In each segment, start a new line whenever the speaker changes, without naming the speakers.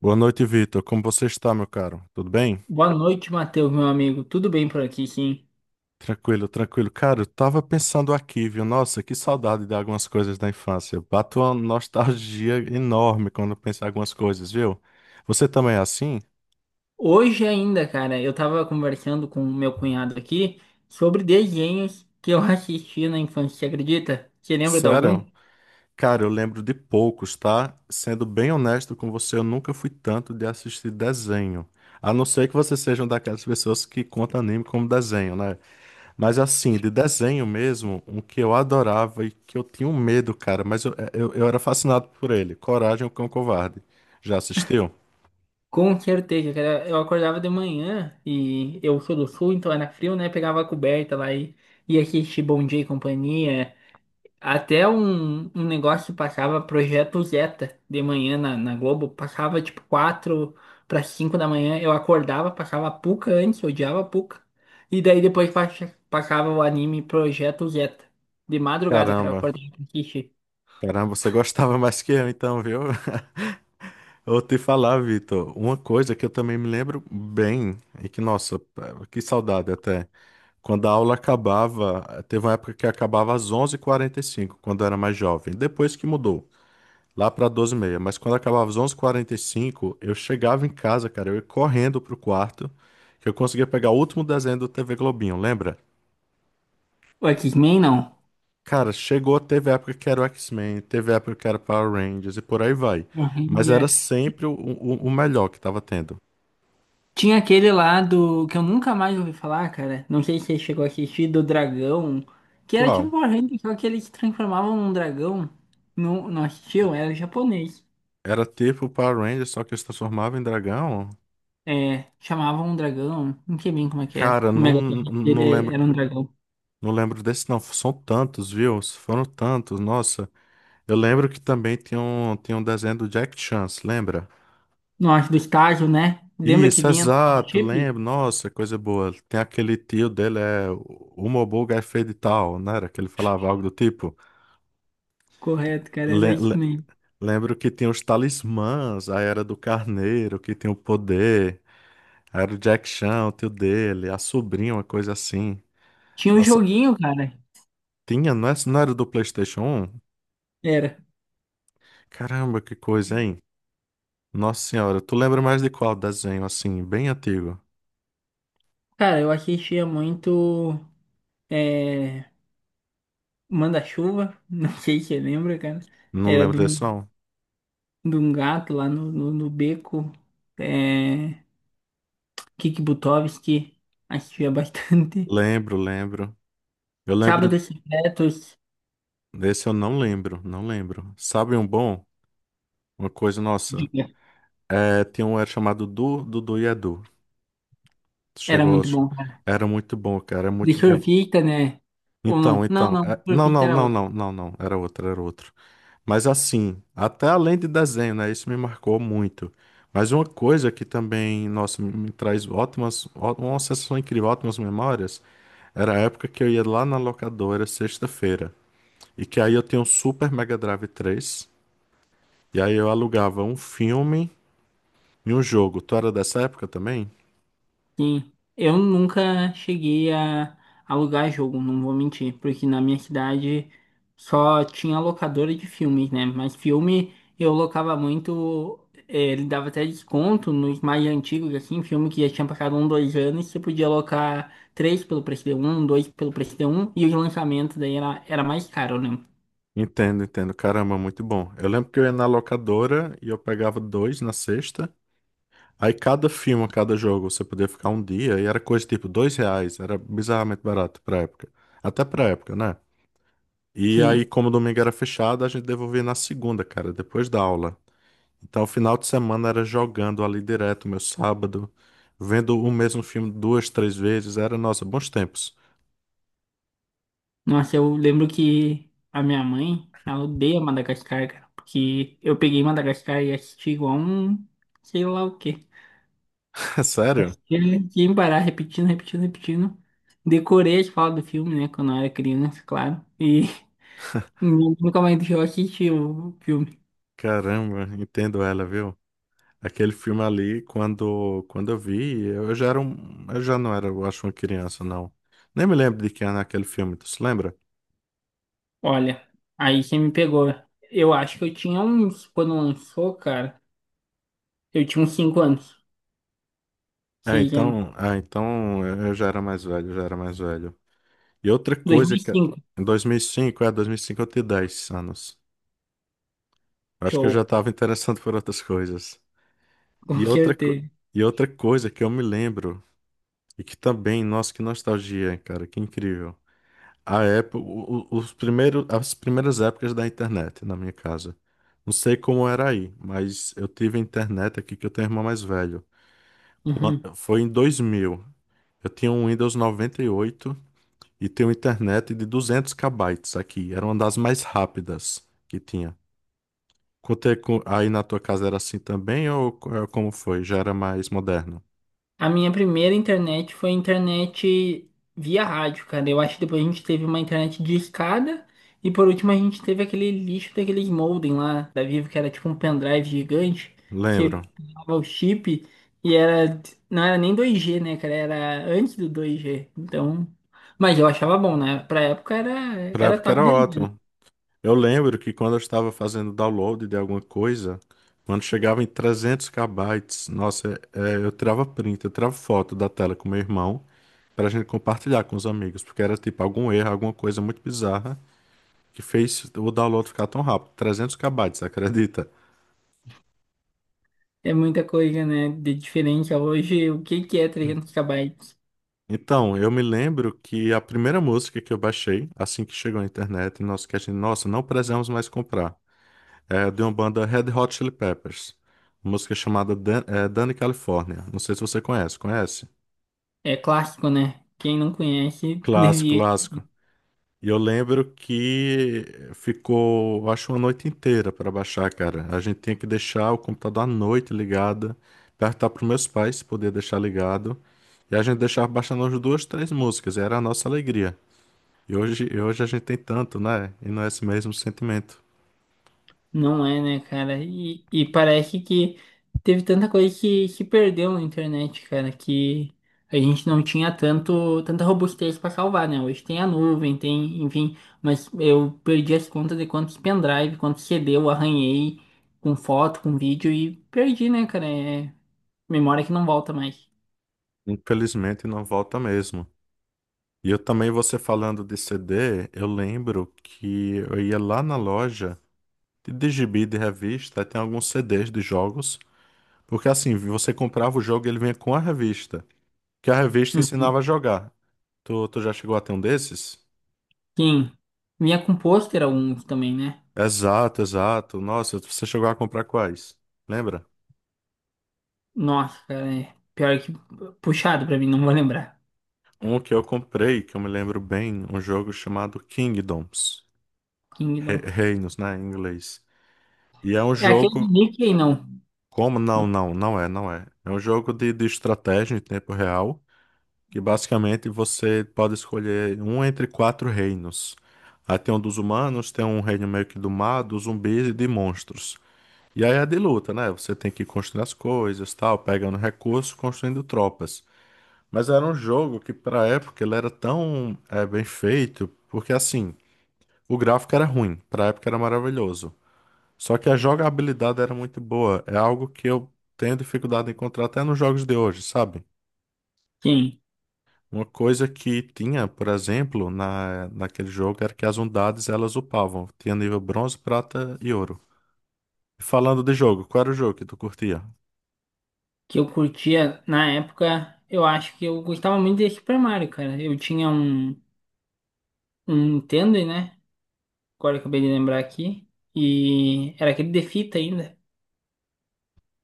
Boa noite, Vitor. Como você está, meu caro? Tudo bem?
Boa noite, Matheus, meu amigo. Tudo bem por aqui, sim?
Tranquilo, tranquilo. Cara, eu tava pensando aqui, viu? Nossa, que saudade de algumas coisas da infância. Bato uma nostalgia enorme quando penso em algumas coisas, viu? Você também é assim?
Hoje ainda, cara, eu tava conversando com o meu cunhado aqui sobre desenhos que eu assisti na infância, você acredita? Você lembra de
Sério?
algum?
Cara, eu lembro de poucos, tá? Sendo bem honesto com você, eu nunca fui tanto de assistir desenho. A não ser que você seja uma daquelas pessoas que conta anime como desenho, né? Mas assim, de desenho mesmo, um que eu adorava e que eu tinha um medo, cara, mas eu era fascinado por ele. Coragem, o Cão Covarde. Já assistiu?
Com certeza, cara. Eu acordava de manhã e eu sou do sul, então era frio, né? Pegava a coberta lá e ia assistir Bom Dia e Companhia. Até um negócio que passava Projeto Zeta de manhã na Globo, passava tipo 4 para 5 da manhã, eu acordava, passava a Puca antes, eu odiava a Puca. E daí depois passava o anime Projeto Zeta, de madrugada, que era
Caramba,
acordar pra assistir.
caramba, você gostava mais que eu então, viu? Vou te falar, Vitor, uma coisa que eu também me lembro bem, e que, nossa, que saudade até. Quando a aula acabava, teve uma época que acabava às 11:45 quando eu era mais jovem, depois que mudou. Lá pra 12:30. Mas quando acabava às 11:45, eu chegava em casa, cara. Eu ia correndo pro quarto, que eu conseguia pegar o último desenho do TV Globinho, lembra?
O X-Men não.
Cara, chegou, teve época que era o X-Men, teve época que era Power Rangers e por aí vai.
O
Mas era
Ranger-
sempre o melhor que tava tendo.
Tinha aquele lá do que eu nunca mais ouvi falar, cara. Não sei se você chegou a assistir, do dragão, que era
Qual?
tipo o Ranger, só que eles se transformavam num dragão. Não, não assistiu? Era japonês.
Era tipo Power Rangers, só que eu se transformava em dragão?
É, chamavam um dragão, não sei bem como é que era.
Cara,
O
não,
Megatron
não
dele
lembro,
era um dragão.
não lembro desse não. São tantos, viu? Foram tantos, nossa. Eu lembro que também tinha um desenho do Jack Chance, lembra?
Nossa, do estágio, né? Lembra que
Isso,
vinha no Lava
exato,
Chip?
lembro. Nossa, coisa boa. Tem aquele tio dele, é o Mobuga é feio de tal, não era? Que ele falava algo do tipo.
Correto, cara, era
Le-
isso
le-
mesmo.
lembro que tinha os talismãs, aí era do carneiro, que tinha o poder, aí era o Jack Chan, o tio dele, a sobrinha, uma coisa assim.
Tinha um
Nossa,
joguinho, cara.
tinha, não, não era do PlayStation 1?
Era.
Caramba, que coisa, hein? Nossa Senhora, tu lembra mais de qual desenho, assim, bem antigo?
Cara, eu assistia muito é, Manda-Chuva, não sei se você lembra, cara.
Não
Era
lembro
de um,
desse, não?
de um gato lá no beco. É, Kiki Butovski, assistia bastante.
Lembro, lembro. Eu lembro
Sábados Secretos,
Desse eu não lembro, não lembro. Sabe um bom? Uma coisa, nossa.
diga.
É, tem um era chamado Dudu e Edu.
Era
Chegou.
muito bom.
Era muito bom, cara. Era
De
muito bom.
Surfita, né? Ou
Então,
não? Não,
então.
não,
Não,
Surfita
não,
era
não,
outra.
não, não, não. Era outro, era outro. Mas assim, até além de desenho, né? Isso me marcou muito. Mas uma coisa que também, nossa, me traz ótimas, uma sensação incrível, ótimas memórias. Era a época que eu ia lá na locadora, sexta-feira. E que aí eu tinha um Super Mega Drive 3. E aí eu alugava um filme e um jogo. Tu era dessa época também?
Sim. Eu nunca cheguei a alugar jogo, não vou mentir, porque na minha cidade só tinha locadora de filmes, né? Mas filme eu locava muito, ele dava até desconto nos mais antigos, assim, filme que já tinha passado um, dois anos, você podia alocar três pelo preço de um, dois pelo preço de um, e os lançamentos daí era mais caro, né?
Entendo, entendo. Caramba, muito bom. Eu lembro que eu ia na locadora e eu pegava dois na sexta. Aí cada filme, cada jogo, você podia ficar um dia e era coisa tipo R$ 2. Era bizarramente barato pra época. Até pra época, né? E aí, como o domingo era fechado, a gente devolvia na segunda, cara, depois da aula. Então, o final de semana era jogando ali direto, meu sábado, vendo o mesmo filme duas, três vezes. Era, nossa, bons tempos.
Nossa, eu lembro que a minha mãe, ela odeia Madagascar, cara, porque eu peguei Madagascar e assisti igual um, sei lá o quê.
Sério?
Assisti sem parar, repetindo, repetindo, repetindo. Decorei as falas do filme, né, quando eu era criança, claro. E nunca mais deixou eu assistir o filme.
Caramba, entendo ela, viu? Aquele filme ali, quando eu vi, eu já não era, eu acho, uma criança, não. Nem me lembro de quem era aquele filme, tu se lembra?
Olha, aí você me pegou. Eu acho que eu tinha uns, quando lançou, cara, eu tinha uns 5 anos,
Ah,
6 anos.
então, eu já era mais velho, eu já era mais velho. E outra
dois
coisa
mil e
que
cinco
em 2005 eu tinha 10 anos. Eu acho que eu já
show,
estava interessado por outras coisas.
com
E outra, co-
certeza.
e outra coisa que eu me lembro, e que também, nossa, que nostalgia, cara, que incrível. A época, as primeiras épocas da internet na minha casa. Não sei como era aí, mas eu tive internet aqui que eu tenho um irmão mais velho.
Uhum.
Foi em 2000. Eu tinha um Windows 98 e tinha uma internet de 200 kbytes aqui. Era uma das mais rápidas que tinha. Contei com, aí na tua casa era assim também ou como foi? Já era mais moderno?
A minha primeira internet foi internet via rádio, cara. Eu acho que depois a gente teve uma internet de escada e por último a gente teve aquele lixo daqueles modem lá da Vivo que era tipo um pendrive gigante
Lembro.
que dava o chip e era não era nem 2G, né, cara? Era antes do 2G. Então, mas eu achava bom, né? Pra época era
Pra época
top
era
de linha, né?
ótimo. Eu lembro que quando eu estava fazendo download de alguma coisa, quando chegava em 300 kbytes, nossa, eu tirava print, eu tirava foto da tela com meu irmão para a gente compartilhar com os amigos, porque era tipo algum erro, alguma coisa muito bizarra que fez o download ficar tão rápido. 300 kbytes, acredita?
É muita coisa, né, de diferente a hoje. O que que é 300 gigabytes?
Então, eu me lembro que a primeira música que eu baixei, assim que chegou à internet, nós que a gente, nossa, não precisamos mais comprar. É de uma banda Red Hot Chili Peppers. Uma música chamada Danny California. Não sei se você conhece. Conhece?
É clássico, né? Quem não conhece
Clássico,
devia.
clássico. E eu lembro que ficou, acho, uma noite inteira para baixar, cara. A gente tinha que deixar o computador à noite ligado, perguntar para meus pais se podia deixar ligado. E a gente deixava baixando as duas, três músicas. E era a nossa alegria. E hoje a gente tem tanto, né? E não é esse mesmo sentimento.
Não é, né, cara? E parece que teve tanta coisa que se perdeu na internet, cara, que a gente não tinha tanto, tanta robustez pra salvar, né? Hoje tem a nuvem, tem, enfim, mas eu perdi as contas de quantos pendrive, quantos CD eu arranhei com foto, com vídeo e perdi, né, cara? É memória que não volta mais.
Infelizmente não volta mesmo. E eu também, você falando de CD, eu lembro que eu ia lá na loja de gibi de revista, aí tem alguns CDs de jogos, porque assim, você comprava o jogo e ele vinha com a revista, que a revista
E
ensinava a jogar. Tu já chegou a ter um desses?
quem vinha com pôster alguns também, né?
Exato, exato. Nossa, você chegou a comprar quais? Lembra?
Nossa, cara, é pior que puxado pra mim, não vou lembrar.
Um que eu comprei, que eu me lembro bem, um jogo chamado Kingdoms.
Kingdom.
Reinos, né, em inglês. E é um
É aquele do
jogo.
Mickey, não.
Como? Não,
Do
não, não é, não é. É um jogo de estratégia em tempo real, que basicamente você pode escolher um entre quatro reinos. Aí tem um dos humanos, tem um reino meio que do mar, dos zumbis e de monstros. E aí é de luta, né? Você tem que construir as coisas, tal, pegando recursos, construindo tropas. Mas era um jogo que, pra época, ele era tão bem feito, porque assim, o gráfico era ruim, pra época era maravilhoso. Só que a jogabilidade era muito boa. É algo que eu tenho dificuldade em encontrar até nos jogos de hoje, sabe?
quem?
Uma coisa que tinha, por exemplo, naquele jogo era que as unidades elas upavam. Tinha nível bronze, prata e ouro. Falando de jogo, qual era o jogo que tu curtia?
Que eu curtia na época, eu acho que eu gostava muito de Super Mario, cara. Eu tinha um Nintendo, né? Agora eu acabei de lembrar aqui. E era aquele de fita ainda.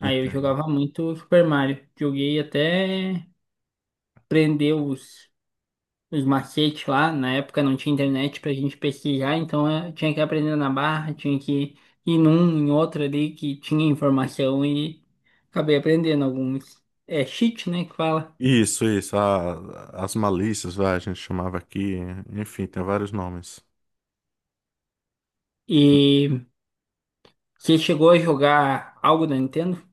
Aí eu
Entendo.
jogava muito Super Mario. Joguei até prender os macetes lá. Na época não tinha internet pra gente pesquisar, então eu tinha que aprender na barra, tinha que ir num, em outro ali que tinha informação e acabei aprendendo alguns. É cheat, né, que fala.
Isso, isso. As malícias, vai, a gente chamava aqui. Enfim, tem vários nomes.
E você chegou a jogar algo da Nintendo?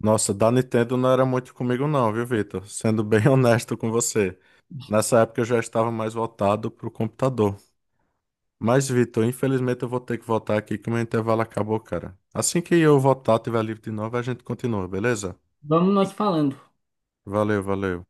Nossa, da Nintendo não era muito comigo não, viu, Vitor? Sendo bem honesto com você. Nessa época eu já estava mais voltado pro computador. Mas, Vitor, infelizmente eu vou ter que voltar aqui que o meu intervalo acabou, cara. Assim que eu voltar, tiver livre de novo, a gente continua, beleza?
Vamos nós falando.
Valeu, valeu.